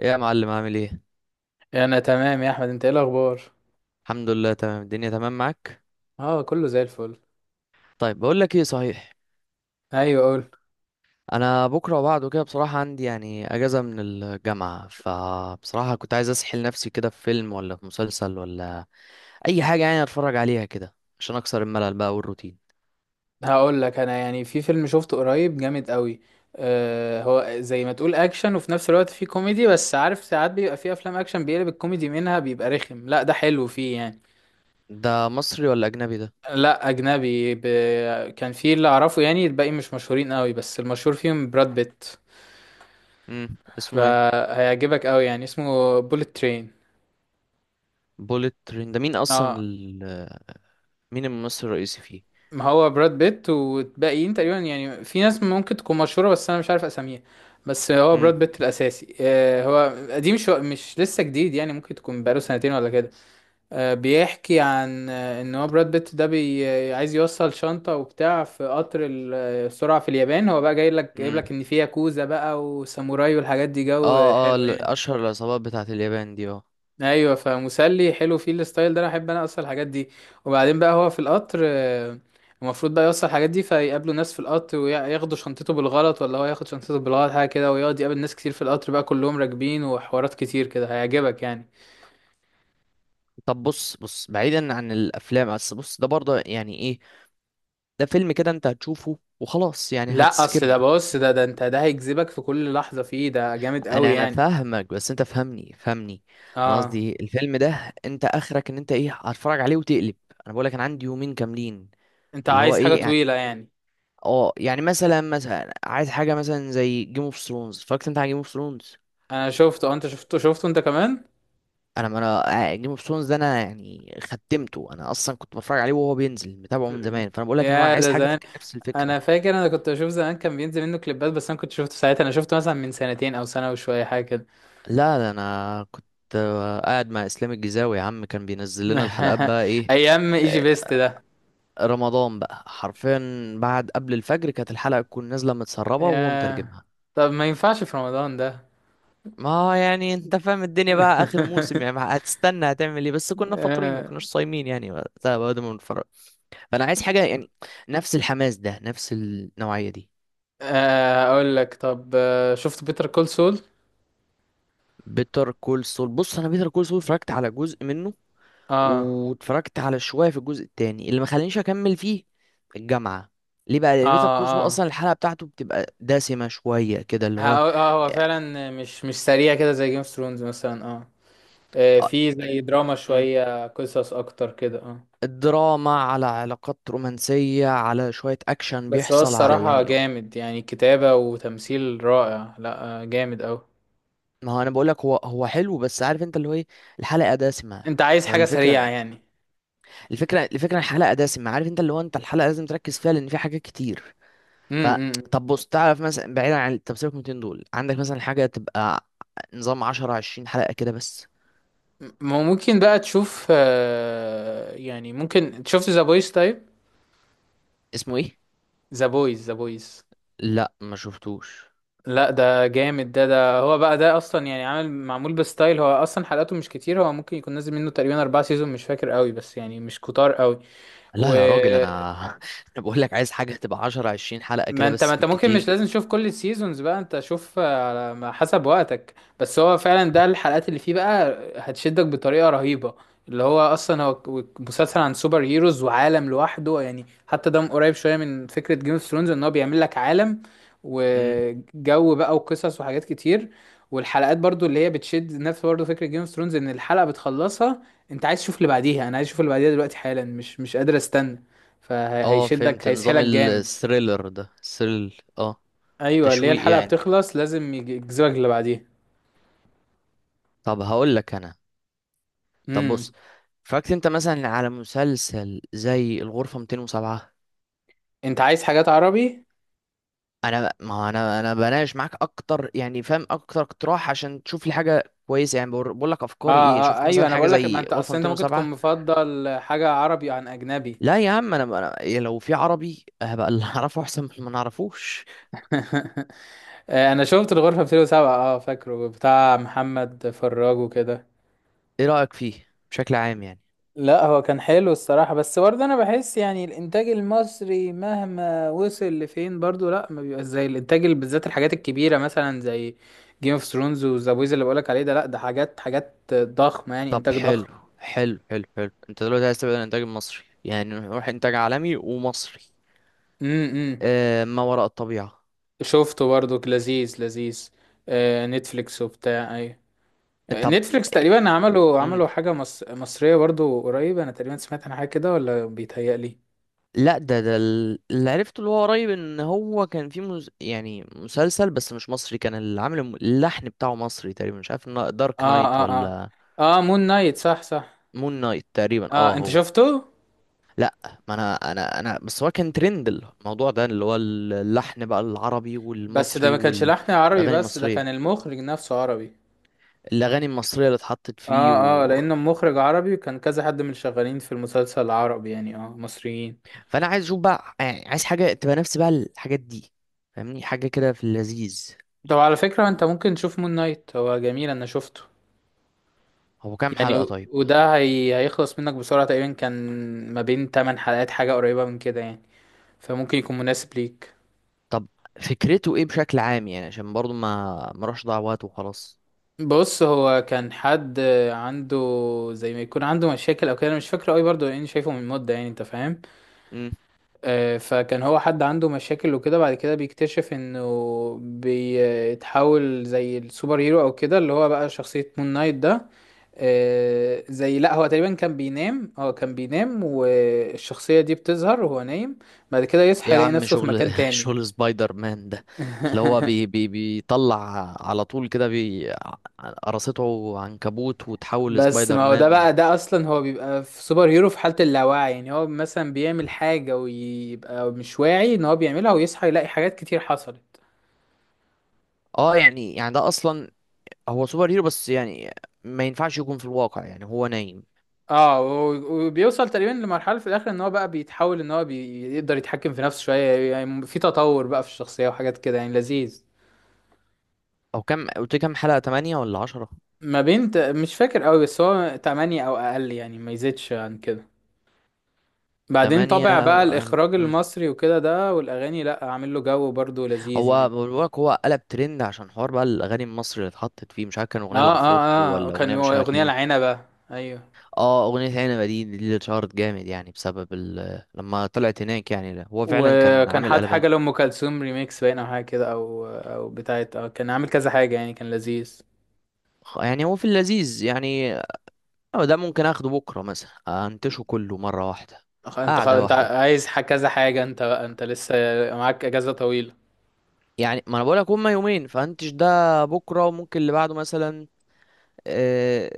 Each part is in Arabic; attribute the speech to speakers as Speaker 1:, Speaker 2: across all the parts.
Speaker 1: ايه يا معلم، عامل ايه؟
Speaker 2: انا تمام يا احمد، انت ايه الاخبار؟
Speaker 1: الحمد لله، تمام الدنيا، تمام معاك.
Speaker 2: اه، كله زي الفل.
Speaker 1: طيب بقول لك ايه صحيح.
Speaker 2: ايوه، قول.
Speaker 1: انا بكره وبعده كده بصراحه عندي يعني اجازه من الجامعه، فبصراحه كنت عايز اسحل نفسي كده في فيلم ولا في مسلسل ولا اي حاجه يعني اتفرج عليها كده عشان اكسر الملل بقى والروتين.
Speaker 2: هقول لك انا يعني في فيلم شفته قريب جامد قوي. هو زي ما تقول اكشن وفي نفس الوقت فيه كوميدي، بس عارف ساعات بيبقى فيه افلام اكشن بيقلب الكوميدي منها بيبقى رخم. لا، ده حلو فيه يعني.
Speaker 1: ده مصري ولا اجنبي ده؟
Speaker 2: لا، اجنبي كان فيه اللي اعرفه، يعني الباقي مش مشهورين قوي، بس المشهور فيهم براد بيت.
Speaker 1: اسمه ايه؟
Speaker 2: فهيعجبك قوي يعني، اسمه بوليت ترين.
Speaker 1: بوليت ترين، ده مين اصلا
Speaker 2: اه،
Speaker 1: مين الممثل الرئيسي فيه؟
Speaker 2: ما هو براد بيت، والباقيين تقريبا يعني في ناس ممكن تكون مشهورة بس أنا مش عارف أساميها. بس هو براد
Speaker 1: امم
Speaker 2: بيت الأساسي. هو قديم شو مش لسه جديد، يعني ممكن تكون بقاله سنتين ولا كده. بيحكي عن إن هو براد بيت ده بي آه، عايز يوصل شنطة وبتاع في قطر السرعة في اليابان. هو بقى جاي لك جايب
Speaker 1: امم.
Speaker 2: لك إن في ياكوزا بقى وساموراي والحاجات دي، جو
Speaker 1: اه اه،
Speaker 2: حلو يعني.
Speaker 1: اشهر العصابات بتاعت اليابان دي، اه.
Speaker 2: ايوه، فمسلي حلو فيه الستايل ده، انا احب، انا اصلا الحاجات دي. وبعدين بقى هو في القطر، المفروض بقى يوصل الحاجات دي، فيقابلوا ناس في القطر وياخدوا شنطته بالغلط، ولا هو ياخد شنطته بالغلط حاجه كده، ويقعد يقابل ناس كتير في القطر بقى كلهم راكبين، وحوارات كتير كده. هيعجبك يعني.
Speaker 1: طب بص بص، بعيدا عن الافلام، بس بص، ده برضه يعني ايه؟ ده فيلم كده انت هتشوفه وخلاص يعني
Speaker 2: لا، اصل ده،
Speaker 1: هتسكيب.
Speaker 2: بص، ده انت ده هيجذبك في كل لحظه فيه، ده جامد قوي
Speaker 1: انا
Speaker 2: يعني.
Speaker 1: فاهمك، بس انت فهمني فهمني. انا
Speaker 2: اه،
Speaker 1: قصدي الفيلم ده انت اخرك ان انت ايه؟ هتتفرج عليه وتقلب. انا بقولك انا عندي يومين كاملين،
Speaker 2: انت
Speaker 1: فاللي هو
Speaker 2: عايز حاجه
Speaker 1: ايه يعني.
Speaker 2: طويله يعني؟
Speaker 1: اه يعني مثلا مثلا عايز حاجه مثلا زي جيم اوف ثرونز. اتفرجت انت على جيم اوف ثرونز؟
Speaker 2: انا شفته. انت شفته انت كمان؟
Speaker 1: انا ما انا جيم اوف ثرونز ده انا يعني ختمته. انا اصلا كنت بتفرج عليه وهو بينزل متابعه من زمان، فانا بقولك ان هو
Speaker 2: يا،
Speaker 1: عايز
Speaker 2: ده
Speaker 1: حاجه في
Speaker 2: زمان.
Speaker 1: نفس الفكره.
Speaker 2: انا فاكر انا كنت بشوف زمان كان بينزل منه كليبات، بس انا كنت شفته ساعتها، انا شفته مثلا من سنتين او سنه وشويه حاجه كده.
Speaker 1: لا ده انا كنت قاعد مع اسلام الجزاوي يا عم، كان بينزل لنا الحلقات بقى ايه.
Speaker 2: ايام ايجي
Speaker 1: آه.
Speaker 2: بيست ده.
Speaker 1: رمضان بقى حرفيا، بعد، قبل الفجر، كانت الحلقة تكون نازلة متسربة وهو
Speaker 2: يا،
Speaker 1: مترجمها.
Speaker 2: طب ما ينفعش في رمضان ده.
Speaker 1: ما يعني انت فاهم الدنيا بقى، اخر موسم يعني هتستنى هتعمل ايه؟ بس كنا فاطرين، ما
Speaker 2: آه،
Speaker 1: كناش صايمين يعني وقتها بعد ما بنتفرج. فانا عايز حاجة يعني نفس الحماس ده، نفس النوعية دي.
Speaker 2: اقول لك طب، شفت بيتر كول سول؟
Speaker 1: بيتر كول سول، بص انا بيتر كول سول اتفرجت على جزء منه،
Speaker 2: اه،
Speaker 1: واتفرجت على شوية في الجزء التاني اللي ما خلانيش أكمل فيه، الجامعة. ليه بقى؟ لأن بيتر
Speaker 2: اه،
Speaker 1: كورس هو أصلا
Speaker 2: اه،
Speaker 1: الحلقة بتاعته بتبقى دسمة شوية كده اللي هو.
Speaker 2: هو فعلا مش سريع كده زي جيم اوف ثرونز مثلا، اه.
Speaker 1: آه.
Speaker 2: في زي دراما
Speaker 1: مم.
Speaker 2: شويه قصص اكتر كده، اه.
Speaker 1: الدراما على علاقات رومانسية، على شوية أكشن
Speaker 2: بس هو
Speaker 1: بيحصل، على
Speaker 2: الصراحة
Speaker 1: يعني.
Speaker 2: جامد يعني، كتابة وتمثيل رائع. لا جامد أوي.
Speaker 1: ما هو أنا بقولك هو هو حلو، بس عارف أنت اللي هو إيه، الحلقة دسمة
Speaker 2: أنت عايز حاجة سريعة
Speaker 1: فالفكرة.
Speaker 2: يعني؟
Speaker 1: الفكرة الحلقة دسمة، عارف أنت اللي هو، أنت الحلقة لازم تركز فيها لأن في حاجات كتير. ف
Speaker 2: امم.
Speaker 1: طب بص، تعرف مثلا، بعيدا عن، طب سيبك من 200 دول، عندك مثلا حاجة تبقى نظام 10 20 حلقة كده بس؟
Speaker 2: ما هو ممكن بقى تشوف، يعني ممكن شفت ذا بويز طيب؟
Speaker 1: اسمه ايه؟
Speaker 2: ذا بويز. ذا بويز.
Speaker 1: لا ما شفتوش.
Speaker 2: لا، ده جامد. ده هو بقى، ده أصلا يعني عامل معمول بستايل. هو أصلا حلقاته مش كتير، هو ممكن يكون نازل منه تقريبا 4 سيزون، مش فاكر قوي، بس يعني مش كتار قوي. و
Speaker 1: لا يا راجل، انا انا بقول لك عايز حاجة تبقى 10 20 حلقة
Speaker 2: ما
Speaker 1: كده
Speaker 2: انت ما
Speaker 1: بس، في
Speaker 2: انت ممكن مش
Speaker 1: الكتير.
Speaker 2: لازم تشوف كل السيزونز بقى، انت شوف على ما حسب وقتك. بس هو فعلا، ده الحلقات اللي فيه بقى هتشدك بطريقة رهيبة. اللي هو اصلا هو مسلسل عن سوبر هيروز وعالم لوحده يعني، حتى ده قريب شوية من فكرة جيم اوف ثرونز ان هو بيعمل لك عالم
Speaker 1: امم.
Speaker 2: وجو بقى وقصص وحاجات كتير. والحلقات برضو اللي هي بتشد، نفس برضو فكرة جيم اوف ثرونز ان الحلقة بتخلصها، انت عايز تشوف اللي بعديها، انا عايز اشوف اللي بعديها دلوقتي حالا، مش قادر استنى.
Speaker 1: اه
Speaker 2: فهيشدك
Speaker 1: فهمت، نظام
Speaker 2: هيسحلك جامد.
Speaker 1: الثريلر ده، ثريل، اه.
Speaker 2: ايوه، اللي هي
Speaker 1: تشويق
Speaker 2: الحلقه
Speaker 1: يعني.
Speaker 2: بتخلص لازم يجذبك اللي بعديها.
Speaker 1: طب هقول لك انا. طب بص،
Speaker 2: امم.
Speaker 1: اتفرجت انت مثلا على مسلسل زي الغرفة 207؟
Speaker 2: انت عايز حاجات عربي؟
Speaker 1: ما هو انا بناقش معاك اكتر يعني، فاهم اكتر اقتراح عشان تشوف لي حاجه كويسه يعني، بقول لك
Speaker 2: اه،
Speaker 1: افكاري ايه.
Speaker 2: اه،
Speaker 1: شفت
Speaker 2: ايوه،
Speaker 1: مثلا
Speaker 2: انا
Speaker 1: حاجه
Speaker 2: بقول لك، ما
Speaker 1: زي
Speaker 2: انت
Speaker 1: غرفه
Speaker 2: اصل انت ممكن تكون
Speaker 1: 207؟
Speaker 2: مفضل حاجه عربي عن اجنبي.
Speaker 1: لا يا عم، انا إيه، لو في عربي هبقى اللي اعرفه احسن من اللي ما نعرفوش.
Speaker 2: انا شفت الغرفه 207، اه فاكره، بتاع محمد فراج وكده.
Speaker 1: ايه رايك فيه بشكل عام يعني؟
Speaker 2: لا، هو كان حلو الصراحه، بس برضه انا بحس يعني الانتاج المصري مهما وصل لفين برضه لا، ما بيبقاش زي الانتاج بالذات الحاجات الكبيره مثلا زي جيم اوف ثرونز وذا بويز اللي بقولك عليه ده. لا، ده حاجات ضخمه يعني،
Speaker 1: طب
Speaker 2: انتاج
Speaker 1: حلو.
Speaker 2: ضخم.
Speaker 1: حلو حلو حلو، انت دلوقتي عايز تبعد عن الانتاج المصري يعني، نروح انتاج عالمي ومصري.
Speaker 2: امم.
Speaker 1: آه، ما وراء الطبيعه.
Speaker 2: شفته برضو، لذيذ لذيذ. آه، نتفليكس وبتاع، ايوه.
Speaker 1: طب.
Speaker 2: نتفليكس تقريبا عملوا
Speaker 1: مم.
Speaker 2: عملوا حاجة مصرية برضو قريب، انا تقريبا سمعت عن حاجة كده، ولا بيتهيألي.
Speaker 1: لا ده اللي عرفته، اللي هو قريب، ان هو كان في يعني مسلسل بس مش مصري، كان اللي عامل اللحن بتاعه مصري تقريبا، مش عارف إنه دارك
Speaker 2: اه،
Speaker 1: نايت
Speaker 2: اه،
Speaker 1: ولا.
Speaker 2: اه، اه، مون نايت، صح، صح.
Speaker 1: مون نايت تقريبا اه
Speaker 2: اه، انت
Speaker 1: هو.
Speaker 2: شفته؟
Speaker 1: لا. ما انا بس هو كان ترند الموضوع ده اللي هو اللحن بقى العربي
Speaker 2: بس ده
Speaker 1: والمصري
Speaker 2: ما كانش لحن عربي،
Speaker 1: والاغاني
Speaker 2: بس ده
Speaker 1: المصريه.
Speaker 2: كان المخرج نفسه عربي.
Speaker 1: الاغاني المصريه اللي اتحطت فيه
Speaker 2: اه، اه، لانه مخرج عربي، وكان كذا حد من اللي شغالين في المسلسل العربي يعني اه مصريين.
Speaker 1: فانا عايز اشوف بقى يعني، عايز حاجه تبقى نفس بقى الحاجات دي. فاهمني حاجه كده في اللذيذ.
Speaker 2: طب، على فكرة، انت ممكن تشوف مون نايت، هو جميل، انا شفته.
Speaker 1: هو كام
Speaker 2: يعني
Speaker 1: حلقه طيب؟
Speaker 2: وده هيخلص منك بسرعة تقريبا، كان ما بين 8 حلقات، حاجة قريبة من كده يعني. فممكن يكون مناسب ليك.
Speaker 1: طب، فكرته ايه بشكل عام يعني؟ عشان برضو ما اروحش اضيع وقت وخلاص.
Speaker 2: بص، هو كان حد عنده، زي ما يكون عنده مشاكل او كده، انا مش فاكره قوي برضه لاني شايفه من مده، يعني انت فاهم.
Speaker 1: امم.
Speaker 2: فكان هو حد عنده مشاكل وكده، بعد كده بيكتشف انه بيتحول زي السوبر هيرو او كده، اللي هو بقى شخصيه مون نايت ده. زي، لا هو تقريبا كان بينام والشخصية دي بتظهر وهو نايم، بعد كده
Speaker 1: ايه
Speaker 2: يصحى
Speaker 1: يا
Speaker 2: يلاقي
Speaker 1: عم
Speaker 2: نفسه في
Speaker 1: شغل
Speaker 2: مكان تاني.
Speaker 1: شغل سبايدر مان ده، اللي هو بي بي بيطلع على طول كده، قرصته عنكبوت وتحول
Speaker 2: بس
Speaker 1: لسبايدر
Speaker 2: ما هو ده
Speaker 1: مان
Speaker 2: بقى، ده اصلا هو بيبقى في سوبر هيرو في حالة اللاوعي، يعني هو مثلا بيعمل حاجة ويبقى مش واعي ان هو بيعملها، ويصحى يلاقي حاجات كتير حصلت.
Speaker 1: اه يعني ده اصلا هو سوبر هيرو، بس يعني ما ينفعش يكون في الواقع يعني هو نايم.
Speaker 2: اه، وبيوصل تقريبا لمرحلة في الاخر ان هو بقى بيتحول، ان هو بيقدر يتحكم في نفسه شوية، يعني في تطور بقى في الشخصية وحاجات كده، يعني لذيذ.
Speaker 1: او كم قلت كام حلقة، 8 ولا 10؟
Speaker 2: ما بين مش فاكر قوي، بس هو 8 او اقل يعني، ما يزيدش عن كده. بعدين طبع
Speaker 1: 8.
Speaker 2: بقى الاخراج المصري وكده ده، والاغاني، لا، عامل له جو برضه لذيذ
Speaker 1: هو
Speaker 2: يعني.
Speaker 1: بقولك هو قلب ترند عشان حوار بقى الاغاني المصري اللي اتحطت فيه، مش عارف كان اغنيه
Speaker 2: اه،
Speaker 1: العفروت
Speaker 2: اه، اه،
Speaker 1: ولا
Speaker 2: كان
Speaker 1: اغنيه،
Speaker 2: هو
Speaker 1: مش عارف
Speaker 2: اغنية
Speaker 1: كلمه.
Speaker 2: العنبة. ايوه.
Speaker 1: اه اغنيه عنبه، دي اللي اتشهرت جامد يعني بسبب لما طلعت هناك يعني، لا، هو فعلا كان
Speaker 2: وكان
Speaker 1: عامل
Speaker 2: حاط حاجة
Speaker 1: قلبان.
Speaker 2: لأم كلثوم ريميكس باين او حاجة كده، او بتاعت اه كان عامل كذا حاجة يعني، كان لذيذ.
Speaker 1: يعني هو في اللذيذ يعني. آه، ده ممكن اخده بكره مثلا، انتشه كله مره واحده،
Speaker 2: انت
Speaker 1: قعده
Speaker 2: انت
Speaker 1: واحده.
Speaker 2: عايز كذا حاجة، انت بقى لسه معاك اجازة طويلة.
Speaker 1: يعني ما انا بقولك هما يومين، فانتش ده بكره وممكن اللي بعده مثلا. آه.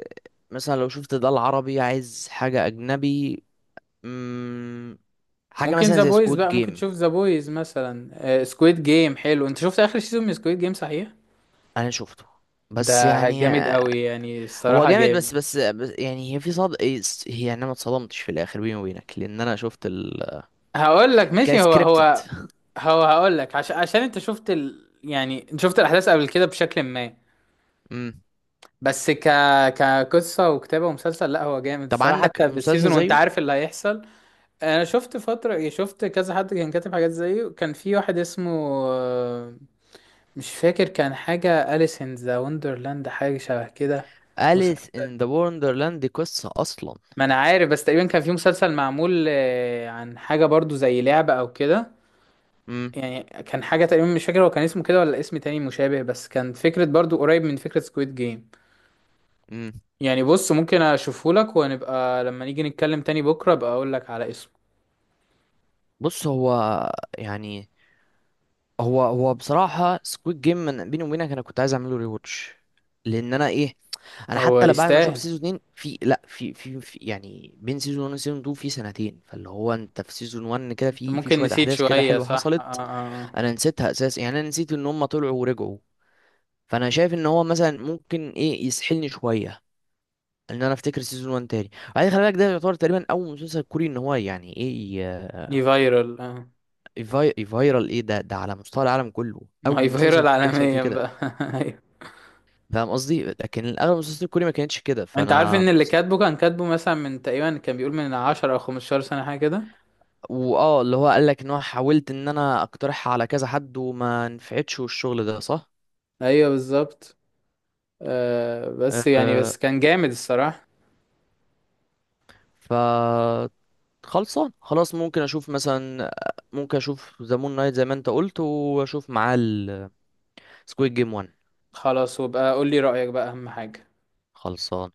Speaker 1: مثلا لو شفت ده العربي، عايز حاجه اجنبي، حاجه
Speaker 2: ممكن
Speaker 1: مثلا
Speaker 2: ذا
Speaker 1: زي
Speaker 2: بويز
Speaker 1: سكواد
Speaker 2: بقى، ممكن
Speaker 1: جيم.
Speaker 2: تشوف ذا بويز مثلا. سكويد جيم حلو، انت شفت اخر سيزون من سكويد جيم، صحيح؟
Speaker 1: انا شفته، بس
Speaker 2: ده
Speaker 1: يعني
Speaker 2: جامد
Speaker 1: آه.
Speaker 2: قوي يعني،
Speaker 1: هو
Speaker 2: الصراحة
Speaker 1: جامد، بس
Speaker 2: جامد.
Speaker 1: بس بس يعني هي في صد إيه، هي يعني انا ما اتصدمتش في الاخر بيني وبينك لان انا شفت ال
Speaker 2: هقول لك ماشي. هو
Speaker 1: كسكريبتد.
Speaker 2: هو هو هقول لك، عشان انت شفت يعني انت شفت الاحداث قبل كده بشكل ما.
Speaker 1: امم.
Speaker 2: بس كقصة وكتابة ومسلسل، لا هو جامد
Speaker 1: طب
Speaker 2: الصراحة،
Speaker 1: عندك
Speaker 2: حتى
Speaker 1: مسلسل
Speaker 2: بالسيزون وانت
Speaker 1: زيه؟
Speaker 2: عارف اللي هيحصل. انا شفت فترة يعني، شفت كذا حد كان كاتب حاجات زيه، كان في واحد اسمه آه، مش فاكر، كان حاجة أليس ان ذا وندرلاند، حاجة شبه كده.
Speaker 1: أليس
Speaker 2: مسلسل.
Speaker 1: ان ذا وندرلاند دي قصه اصلا؟
Speaker 2: ما انا عارف، بس تقريبا كان في مسلسل معمول عن حاجة برضو زي لعبة او كده.
Speaker 1: امم.
Speaker 2: يعني كان حاجة تقريبا، مش فاكر هو كان اسمه كده ولا اسم تاني مشابه، بس كان فكرة برضو قريب من فكرة سكويد جيم.
Speaker 1: امم.
Speaker 2: يعني بص، ممكن اشوفه لك ونبقى لما نيجي نتكلم تاني بكرة ابقى اقول لك على اسمه.
Speaker 1: بص هو، يعني، هو بصراحه سكواد جيم، من بيني وبينك انا كنت عايز اعمله ريواتش. لان انا ايه، انا
Speaker 2: هو
Speaker 1: حتى لا بعد ما اشوف
Speaker 2: يستاهل.
Speaker 1: سيزون 2، في، لا، في يعني بين سيزون 1 وسيزون 2 في سنتين، فاللي هو انت في سيزون 1 كده
Speaker 2: انت
Speaker 1: في
Speaker 2: ممكن
Speaker 1: شويه
Speaker 2: نسيت
Speaker 1: احداث كده
Speaker 2: شوية،
Speaker 1: حلوه
Speaker 2: صح؟ اه، اه.
Speaker 1: حصلت.
Speaker 2: آه.
Speaker 1: انا نسيتها اساسا يعني، انا نسيت ان هم طلعوا ورجعوا. فانا شايف ان هو مثلا ممكن ايه يسحلني شويه ان انا افتكر سيزون 1 تاني. بعدين خلي بالك ده يعتبر تقريبا اول مسلسل كوري، ان هو يعني ايه، ي-
Speaker 2: دي فايرال، اه.
Speaker 1: يفايرال ايه ده على مستوى العالم كله.
Speaker 2: ما هي
Speaker 1: اول مسلسل
Speaker 2: فايرال
Speaker 1: كوري يحصل فيه
Speaker 2: عالميا
Speaker 1: كده،
Speaker 2: بقى. ايوه.
Speaker 1: فاهم قصدي، لكن الاغلب المسلسلات الكوري ما كانتش كده
Speaker 2: انت عارف ان
Speaker 1: فانا.
Speaker 2: اللي كاتبه، كان كاتبه مثلا من تقريبا كان بيقول من 10 او 15 سنة حاجة كده.
Speaker 1: واه، اللي هو قال لك ان هو حاولت ان انا اقترحها على كذا حد وما نفعتش والشغل ده صح.
Speaker 2: ايوه، بالظبط. آه، بس يعني
Speaker 1: أه.
Speaker 2: بس كان جامد الصراحة.
Speaker 1: ف خلصان خلاص، ممكن اشوف مثلا، ممكن اشوف ذا مون نايت زي ما انت قلت واشوف معاه السكويد جيم 1.
Speaker 2: خلاص، وبقى قول لي رأيك بقى، اهم حاجة.
Speaker 1: خلصان.